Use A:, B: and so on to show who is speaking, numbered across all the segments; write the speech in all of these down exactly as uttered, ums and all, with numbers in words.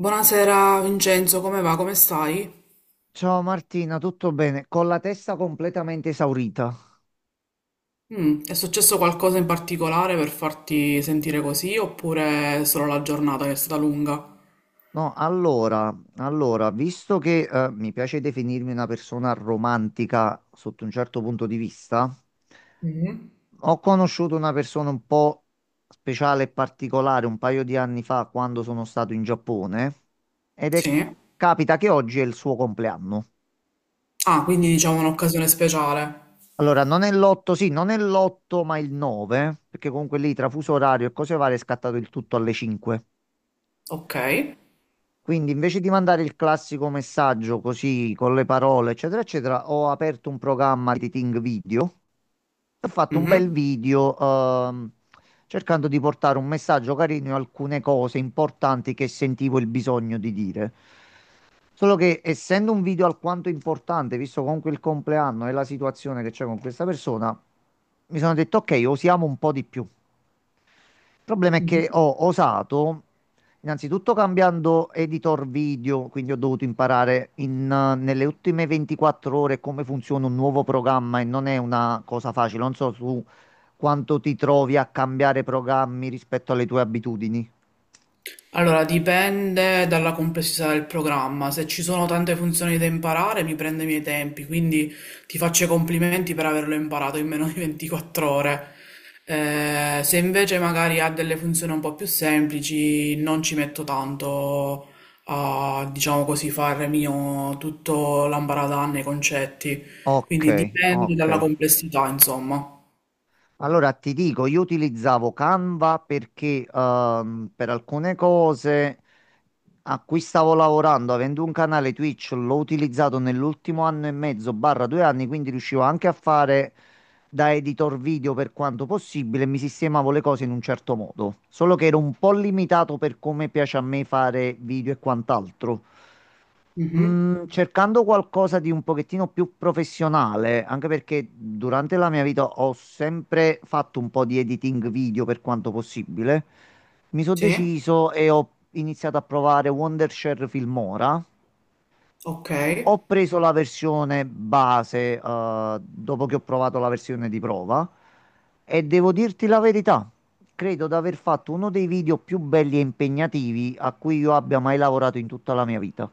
A: Buonasera Vincenzo, come va? Come stai?
B: Ciao Martina, tutto bene? Con la testa completamente esaurita.
A: Mm, è successo qualcosa in particolare per farti sentire così oppure è solo la giornata che è stata lunga?
B: No, allora, allora, visto che eh, mi piace definirmi una persona romantica sotto un certo punto di vista,
A: Mhm.
B: ho conosciuto una persona un po' speciale e particolare un paio di anni fa quando sono stato in Giappone ed è
A: Sì.
B: capita che oggi è il suo compleanno.
A: Ah, quindi diciamo un'occasione speciale.
B: Allora, non è l'otto, sì, non è l'otto, ma il nove, perché comunque lì tra fuso orario e cose varie è scattato il tutto alle cinque.
A: Ok.
B: Quindi invece di mandare il classico messaggio così con le parole, eccetera, eccetera, ho aperto un programma di editing video e ho fatto un bel
A: Mhm.
B: video ehm, cercando di portare un messaggio carino e alcune cose importanti che sentivo il bisogno di dire. Solo che essendo un video alquanto importante, visto comunque il compleanno e la situazione che c'è con questa persona, mi sono detto ok, osiamo un po' di più. Il problema è che ho osato, innanzitutto cambiando editor video, quindi ho dovuto imparare in, eh, nelle ultime ventiquattro ore come funziona un nuovo programma e non è una cosa facile. Non so su quanto ti trovi a cambiare programmi rispetto alle tue abitudini.
A: Allora, dipende dalla complessità del programma. Se ci sono tante funzioni da imparare, mi prende i miei tempi, quindi ti faccio i complimenti per averlo imparato in meno di ventiquattro ore. Eh, se invece magari ha delle funzioni un po' più semplici, non ci metto tanto a, diciamo così, fare mio tutto l'ambaradan nei concetti.
B: Ok,
A: Quindi dipende
B: ok.
A: dalla complessità, insomma.
B: Allora ti dico, io utilizzavo Canva perché ehm, per alcune cose a cui stavo lavorando, avendo un canale Twitch, l'ho utilizzato nell'ultimo anno e mezzo, barra due anni, quindi riuscivo anche a fare da editor video per quanto possibile, e mi sistemavo le cose in un certo modo, solo che ero un po' limitato per come piace a me fare video e quant'altro.
A: Mhm.
B: Mm, cercando qualcosa di un pochettino più professionale, anche perché durante la mia vita ho sempre fatto un po' di editing video per quanto possibile, mi sono
A: Sì,
B: deciso e ho iniziato a provare Wondershare Filmora.
A: ok.
B: Ho preso la versione base, eh, dopo che ho provato la versione di prova e devo dirti la verità, credo di aver fatto uno dei video più belli e impegnativi a cui io abbia mai lavorato in tutta la mia vita.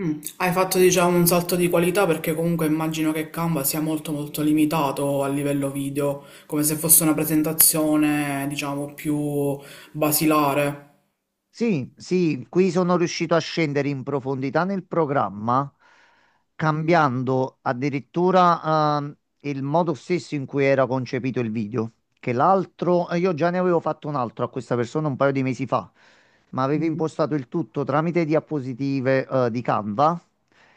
A: Mm, hai fatto diciamo un salto di qualità perché comunque immagino che Canva sia molto molto limitato a livello video, come se fosse una presentazione diciamo più basilare.
B: Sì, sì, qui sono riuscito a scendere in profondità nel programma,
A: Mm.
B: cambiando addirittura ehm, il modo stesso in cui era concepito il video. Che l'altro, eh, io già ne avevo fatto un altro a questa persona un paio di mesi fa, ma avevo
A: Mm.
B: impostato il tutto tramite diapositive eh, di Canva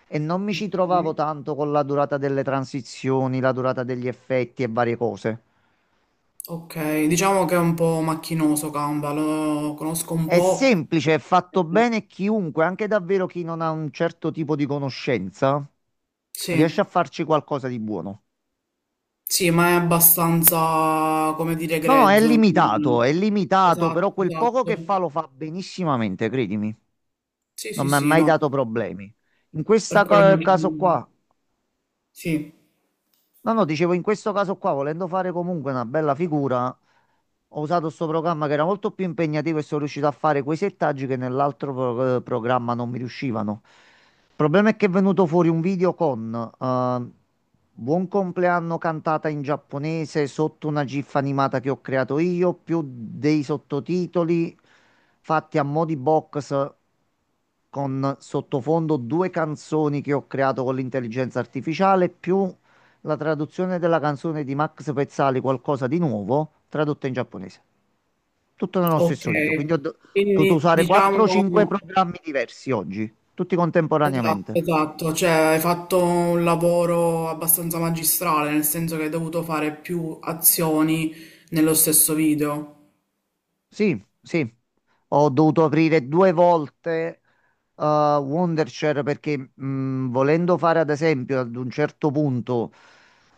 B: e non mi ci
A: Ok.
B: trovavo tanto con la durata delle transizioni, la durata degli effetti e varie cose.
A: Ok, diciamo che è un po' macchinoso Canva, lo conosco un
B: È
A: po'.
B: semplice, è fatto
A: Eh,
B: bene chiunque, anche davvero chi non ha un certo tipo di conoscenza, riesce
A: Sì,
B: a farci qualcosa di buono.
A: sì, ma è abbastanza, come dire,
B: No, no, è
A: grezzo.
B: limitato,
A: non-
B: è limitato,
A: Esatto,
B: però quel poco che fa
A: esatto.
B: lo fa benissimamente, credimi.
A: Sì,
B: Non
A: sì,
B: mi ha
A: sì,
B: mai
A: no,
B: dato problemi. In
A: per
B: questo
A: quello
B: caso
A: non...
B: qua
A: Sì,
B: No, no, dicevo, in questo caso qua, volendo fare comunque una bella figura, ho usato questo programma che era molto più impegnativo e sono riuscito a fare quei settaggi che nell'altro pro- eh, programma non mi riuscivano. Il problema è che è venuto fuori un video con eh, Buon compleanno cantata in giapponese sotto una GIF animata che ho creato io, più dei sottotitoli fatti a mo' di box con sottofondo due canzoni che ho creato con l'intelligenza artificiale, più la traduzione della canzone di Max Pezzali, Qualcosa di nuovo, tradotta in giapponese. Tutto nello
A: ok,
B: stesso video. Quindi ho do- dovuto
A: quindi
B: usare
A: diciamo,
B: quattro o cinque programmi diversi oggi, tutti
A: esatto,
B: contemporaneamente.
A: esatto, cioè hai fatto un lavoro abbastanza magistrale, nel senso che hai dovuto fare più azioni nello stesso video.
B: Sì, sì, ho dovuto aprire due volte eh, Wondershare perché mh, volendo fare ad esempio ad un certo punto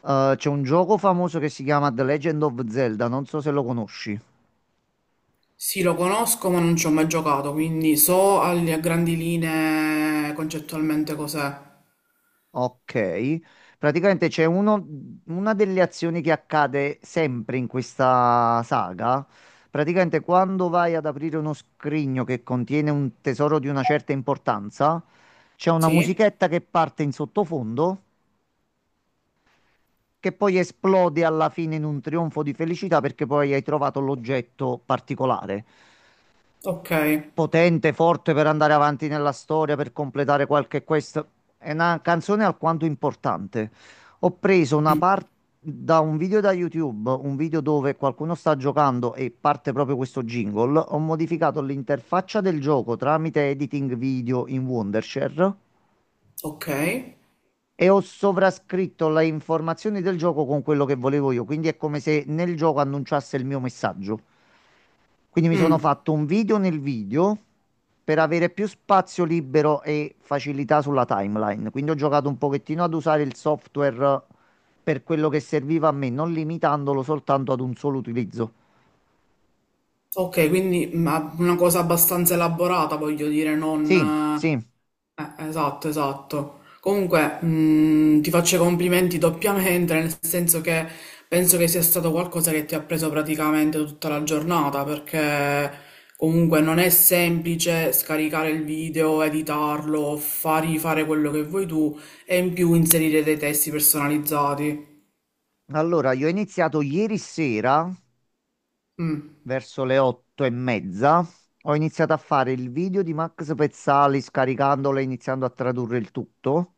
B: eh, c'è un gioco famoso che si chiama The Legend of Zelda, non so se lo conosci.
A: Sì, lo conosco, ma non ci ho mai giocato, quindi so al- a grandi linee concettualmente cos'è.
B: Ok, praticamente c'è uno- una delle azioni che accade sempre in questa saga. Praticamente quando vai ad aprire uno scrigno che contiene un tesoro di una certa importanza, c'è una
A: Sì?
B: musichetta che parte in sottofondo che poi esplode alla fine in un trionfo di felicità perché poi hai trovato l'oggetto particolare,
A: Ok,
B: potente, forte per andare avanti nella storia, per completare qualche quest. È una canzone alquanto importante. Ho preso una parte da un video da YouTube, un video dove qualcuno sta giocando e parte proprio questo jingle. Ho modificato l'interfaccia del gioco tramite editing video in Wondershare
A: ok.
B: e ho sovrascritto le informazioni del gioco con quello che volevo io. Quindi è come se nel gioco annunciasse il mio messaggio. Quindi mi sono
A: Mm,
B: fatto un video nel video per avere più spazio libero e facilità sulla timeline. Quindi ho giocato un pochettino ad usare il software per quello che serviva a me, non limitandolo soltanto ad un solo utilizzo.
A: ok, quindi ma una cosa abbastanza elaborata, voglio dire,
B: Sì,
A: non...
B: sì.
A: Eh, esatto, esatto. Comunque, mh, ti faccio i complimenti doppiamente, nel senso che penso che sia stato qualcosa che ti ha preso praticamente tutta la giornata, perché comunque non è semplice scaricare il video, editarlo, fargli fare quello che vuoi tu e in più inserire dei testi personalizzati.
B: Allora, io ho iniziato ieri sera,
A: Mm,
B: verso le otto e mezza, ho iniziato a fare il video di Max Pezzali scaricandolo e iniziando a tradurre il tutto.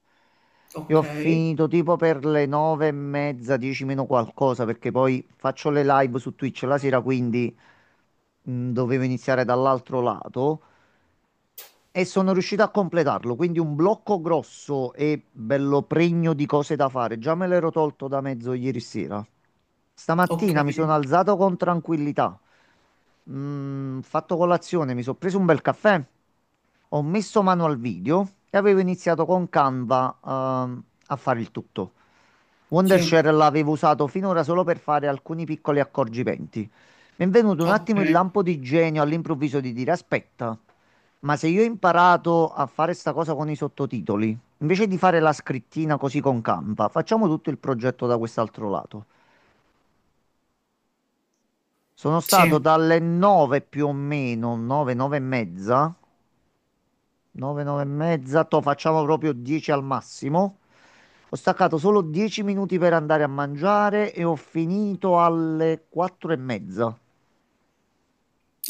B: E ho
A: ok,
B: finito tipo per le nove e mezza, dieci meno qualcosa, perché poi faccio le live su Twitch la sera, quindi mh, dovevo iniziare dall'altro lato. E sono riuscito a completarlo, quindi un blocco grosso e bello pregno di cose da fare. Già me l'ero tolto da mezzo ieri sera.
A: ok,
B: Stamattina mi sono alzato con tranquillità, Mm, fatto colazione, mi sono preso un bel caffè, ho messo mano al video e avevo iniziato con Canva, ehm, a fare il tutto.
A: sì,
B: Wondershare l'avevo usato finora solo per fare alcuni piccoli accorgimenti. Mi è venuto un
A: ok,
B: attimo il lampo di genio all'improvviso di dire: Aspetta, ma se io ho imparato a fare sta cosa con i sottotitoli, invece di fare la scrittina così con Canva, facciamo tutto il progetto da quest'altro lato. Sono stato
A: sì.
B: dalle nove più o meno, nove, nove e mezza, 9, 9 e mezza, to facciamo proprio dieci al massimo. Ho staccato solo dieci minuti per andare a mangiare e ho finito alle quattro e mezza.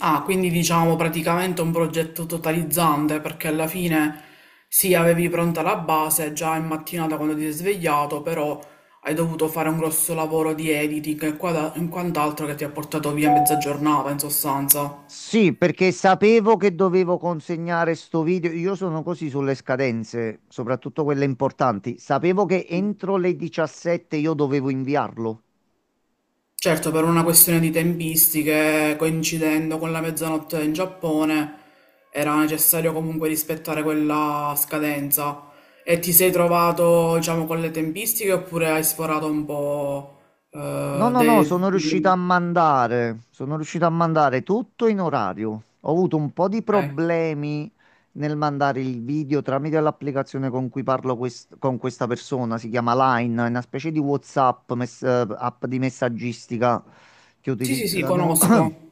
A: Ah, quindi diciamo praticamente un progetto totalizzante perché alla fine sì, avevi pronta la base già in mattinata quando ti sei svegliato, però hai dovuto fare un grosso lavoro di editing e quada- e quant'altro che ti ha portato via mezza giornata in sostanza.
B: Sì, perché sapevo che dovevo consegnare sto video. Io sono così sulle scadenze, soprattutto quelle importanti. Sapevo che entro le diciassette io dovevo inviarlo.
A: Certo, per una questione di tempistiche, coincidendo con la mezzanotte in Giappone, era necessario comunque rispettare quella scadenza. E ti sei trovato, diciamo, con le tempistiche oppure hai sforato un po'?
B: No,
A: eh,
B: no, no,
A: de-
B: sono riuscito a
A: di-
B: mandare, sono riuscito a mandare tutto in orario. Ho avuto un po' di
A: ok.
B: problemi nel mandare il video tramite l'applicazione con cui parlo quest- con questa persona, si chiama Line, è una specie di WhatsApp, mess- eh, app di messaggistica che
A: Sì, sì, sì,
B: utilizzano.
A: conosco,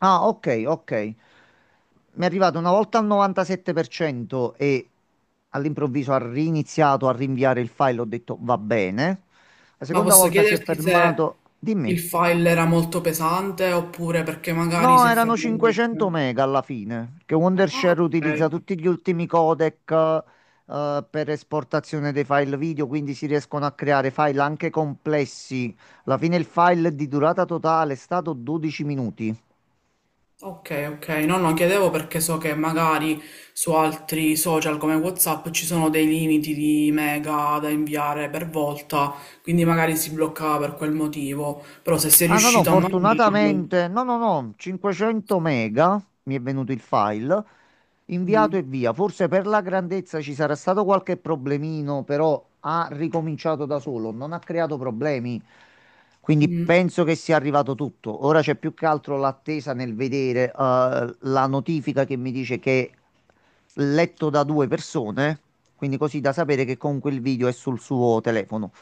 B: Ah, ok, ok. Mi è arrivato una volta al novantasette per cento e all'improvviso ha riniziato a rinviare il file, ho detto va bene. La
A: ma
B: seconda
A: posso
B: volta si è
A: chiederti se
B: fermato.
A: il
B: Dimmi.
A: file era molto pesante oppure perché magari
B: No,
A: si è
B: erano
A: fermato.
B: cinquecento
A: perché-
B: mega alla fine, perché
A: Ah,
B: Wondershare
A: ok.
B: utilizza tutti gli ultimi codec eh, per esportazione dei file video, quindi si riescono a creare file anche complessi. Alla fine il file di durata totale è stato dodici minuti.
A: Ok, ok, no, no, chiedevo perché so che magari su altri social come WhatsApp ci sono dei limiti di mega da inviare per volta, quindi magari si bloccava per quel motivo, però se sei
B: Ah no, no,
A: riuscito a mantenerlo,
B: fortunatamente, no, no, no, cinquecento mega, mi è venuto il file, inviato
A: mm.
B: e via. Forse per la grandezza ci sarà stato qualche problemino, però ha ricominciato da solo, non ha creato problemi. Quindi
A: Mm.
B: penso che sia arrivato tutto. Ora c'è più che altro l'attesa nel vedere eh, la notifica che mi dice che è letto da due persone, quindi così da sapere che comunque il video è sul suo telefono.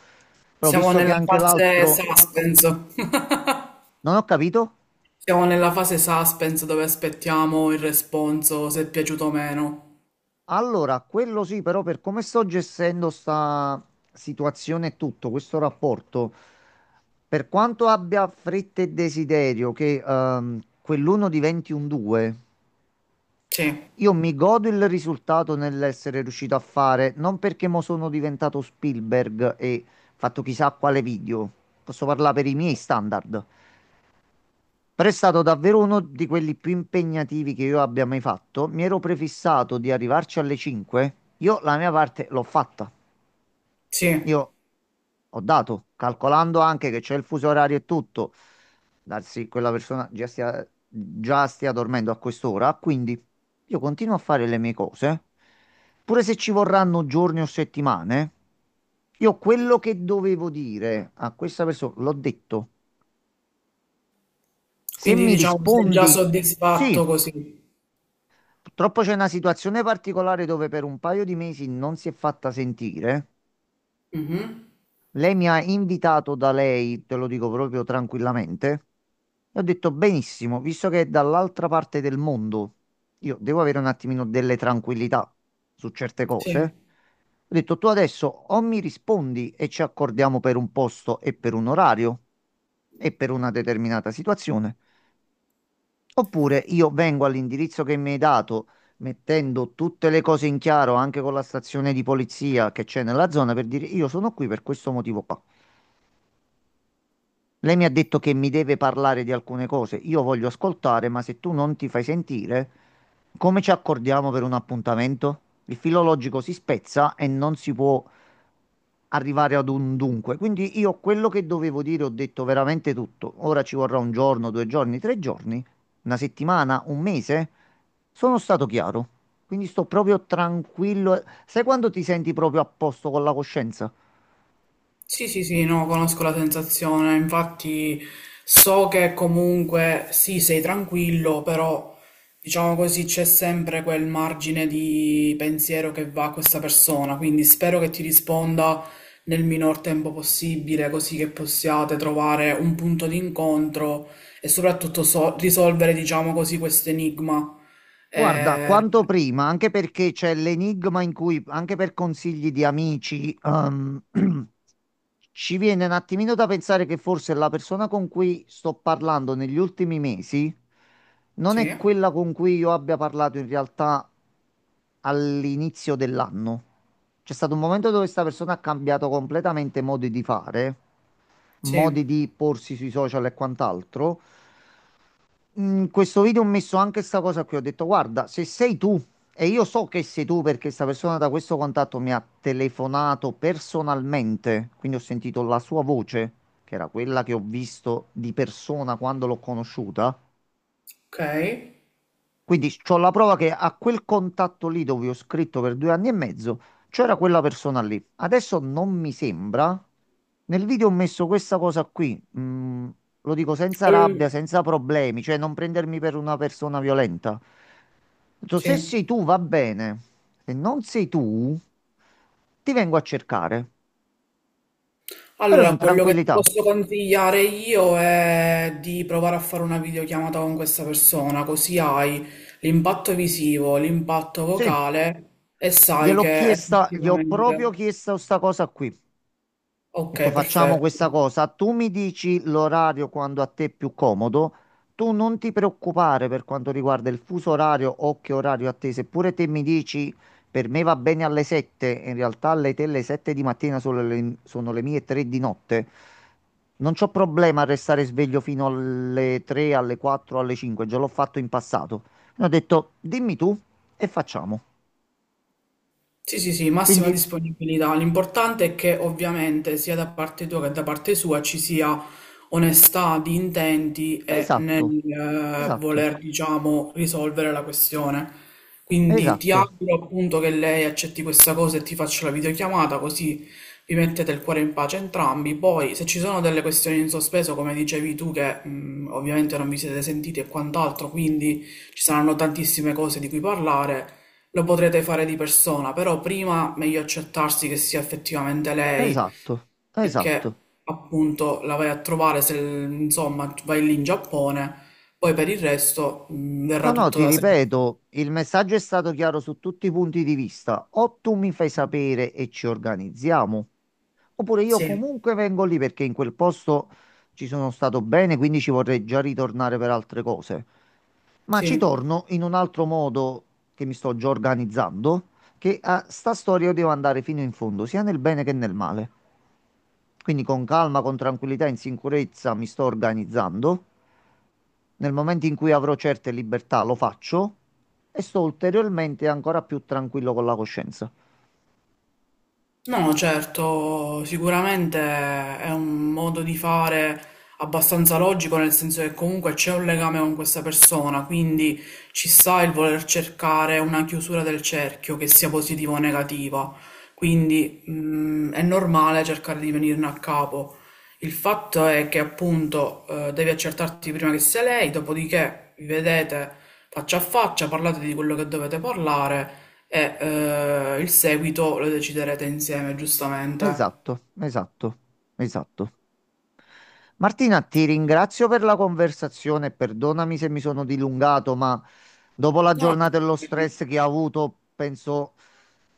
B: Però
A: Siamo
B: visto che
A: nella
B: anche
A: fase
B: l'altro...
A: suspense,
B: Non ho capito.
A: siamo nella fase suspense dove aspettiamo il responso se è piaciuto o meno.
B: Allora, quello sì, però per come sto gestendo sta situazione e tutto, questo rapporto, per quanto abbia fretta e desiderio che ehm, quell'uno diventi un due,
A: Sì,
B: io mi godo il risultato nell'essere riuscito a fare, non perché mo sono diventato Spielberg e fatto chissà quale video, posso parlare per i miei standard. Però è stato davvero uno di quelli più impegnativi che io abbia mai fatto. Mi ero prefissato di arrivarci alle cinque. Io la mia parte l'ho fatta.
A: sì,
B: Io ho dato, calcolando anche che c'è il fuso orario e tutto. Darsi quella persona già stia, già stia dormendo a quest'ora. Quindi io continuo a fare le mie cose. Pure se ci vorranno giorni o settimane, io quello che dovevo dire a questa persona l'ho detto. Se
A: quindi
B: mi
A: diciamo sei già
B: rispondi,
A: soddisfatto
B: sì.
A: così.
B: Purtroppo c'è una situazione particolare dove per un paio di mesi non si è fatta sentire.
A: Mhm.
B: Lei mi ha invitato da lei, te lo dico proprio tranquillamente. E ho detto benissimo, visto che è dall'altra parte del mondo, io devo avere un attimino delle tranquillità su certe
A: Sì.
B: cose. Ho detto tu adesso o mi rispondi e ci accordiamo per un posto e per un orario e per una determinata situazione, oppure io vengo all'indirizzo che mi hai dato, mettendo tutte le cose in chiaro anche con la stazione di polizia che c'è nella zona per dire io sono qui per questo motivo qua. Lei mi ha detto che mi deve parlare di alcune cose. Io voglio ascoltare, ma se tu non ti fai sentire, come ci accordiamo per un appuntamento? Il filologico si spezza e non si può arrivare ad un dunque. Quindi io quello che dovevo dire ho detto veramente tutto. Ora ci vorrà un giorno, due giorni, tre giorni, una settimana, un mese. Sono stato chiaro. Quindi sto proprio tranquillo. Sai quando ti senti proprio a posto con la coscienza?
A: Sì, sì, sì, no, conosco la sensazione, infatti so che comunque sì, sei tranquillo, però diciamo così c'è sempre quel margine di pensiero che va a questa persona, quindi spero che ti risponda nel minor tempo possibile, così che possiate trovare un punto di incontro e soprattutto so- risolvere, diciamo così, questo enigma.
B: Guarda,
A: Eh,
B: quanto prima, anche perché c'è l'enigma in cui, anche per consigli di amici, ehm, ci viene un attimino da pensare che forse la persona con cui sto parlando negli ultimi mesi non
A: sì,
B: è quella con cui io abbia parlato in realtà all'inizio dell'anno. C'è stato un momento dove questa persona ha cambiato completamente modi di fare, modi
A: sì,
B: di porsi sui social e quant'altro in questo video ho messo anche questa cosa qui. Ho detto, guarda, se sei tu, e io so che sei tu perché questa persona da questo contatto mi ha telefonato personalmente, quindi ho sentito la sua voce, che era quella che ho visto di persona quando l'ho conosciuta.
A: ok.
B: Quindi c'ho la prova che a quel contatto lì dove ho scritto per due anni e mezzo c'era quella persona lì. Adesso non mi sembra. Nel video ho messo questa cosa qui, mm, lo dico senza rabbia,
A: Ehm.
B: senza problemi, cioè non prendermi per una persona violenta. Ho detto, se
A: Sì.
B: sei tu va bene, se non sei tu ti vengo a cercare, però
A: Allora,
B: in
A: quello che ti
B: tranquillità.
A: posso consigliare io è di provare a fare una videochiamata con questa persona, così hai l'impatto visivo, l'impatto
B: Sì,
A: vocale e sai
B: gliel'ho
A: che
B: chiesta, gli ho proprio
A: effettivamente...
B: chiesto sta cosa qui. Ho
A: Ok,
B: detto facciamo
A: perfetto.
B: questa cosa, tu mi dici l'orario quando a te è più comodo, tu non ti preoccupare per quanto riguarda il fuso orario o che orario a te, seppure te mi dici per me va bene alle sette, in realtà alle te le sette di mattina sono le, sono le mie tre di notte, non c'ho problema a restare sveglio fino alle tre, alle quattro, alle cinque, già l'ho fatto in passato. Mi ho detto dimmi tu e facciamo.
A: Sì, sì, sì,
B: Quindi,
A: massima disponibilità. L'importante è che ovviamente sia da parte tua che da parte sua ci sia onestà di intenti e nel
B: esatto,
A: eh,
B: esatto,
A: voler, diciamo, risolvere la questione. Quindi ti
B: esatto.
A: auguro appunto che lei accetti questa cosa e ti faccia la videochiamata, così vi mettete il cuore in pace entrambi. Poi, se ci sono delle questioni in sospeso, come dicevi tu, che mh, ovviamente non vi siete sentiti e quant'altro, quindi ci saranno tantissime cose di cui parlare. Lo potrete fare di persona, però prima meglio accertarsi che sia effettivamente lei
B: Esatto,
A: e che
B: esatto.
A: appunto la vai a trovare se insomma vai lì in Giappone, poi per il resto mh, verrà
B: No, no,
A: tutto
B: ti
A: da sé.
B: ripeto, il messaggio è stato chiaro su tutti i punti di vista. O tu mi fai sapere e ci organizziamo, oppure io
A: Sì,
B: comunque vengo lì perché in quel posto ci sono stato bene, quindi ci vorrei già ritornare per altre cose. Ma ci
A: sì.
B: torno in un altro modo che mi sto già organizzando, che a sta storia io devo andare fino in fondo, sia nel bene che nel male. Quindi con calma, con tranquillità, in sicurezza mi sto organizzando. Nel momento in cui avrò certe libertà lo faccio e sto ulteriormente ancora più tranquillo con la coscienza.
A: No, certo, sicuramente è un modo di fare abbastanza logico, nel senso che comunque c'è un legame con questa persona, quindi ci sta il voler cercare una chiusura del cerchio, che sia positiva o negativa. Quindi, mm, è normale cercare di venirne a capo. Il fatto è che appunto eh, devi accertarti prima che sia lei, dopodiché vi vedete faccia a faccia, parlate di quello che dovete parlare e eh, il seguito lo deciderete insieme, giustamente.
B: Esatto, esatto, esatto. Martina, ti ringrazio per la conversazione. Perdonami se mi sono dilungato, ma dopo la
A: No, no.
B: giornata e lo stress che ho avuto, penso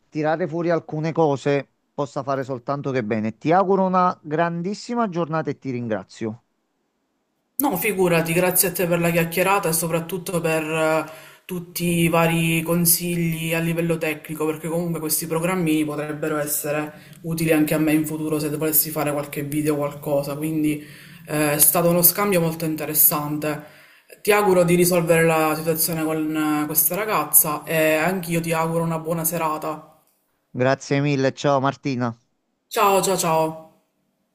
B: tirare fuori alcune cose possa fare soltanto che bene. Ti auguro una grandissima giornata e ti ringrazio.
A: No, figurati, grazie a te per la chiacchierata e soprattutto per eh, tutti i vari consigli a livello tecnico, perché comunque questi programmini potrebbero essere utili anche a me in futuro se volessi fare qualche video o qualcosa. Quindi eh, è stato uno scambio molto interessante. Ti auguro di risolvere la situazione con eh, questa ragazza e anch'io ti auguro una buona serata.
B: Grazie mille, ciao Martina.
A: Ciao, ciao, ciao.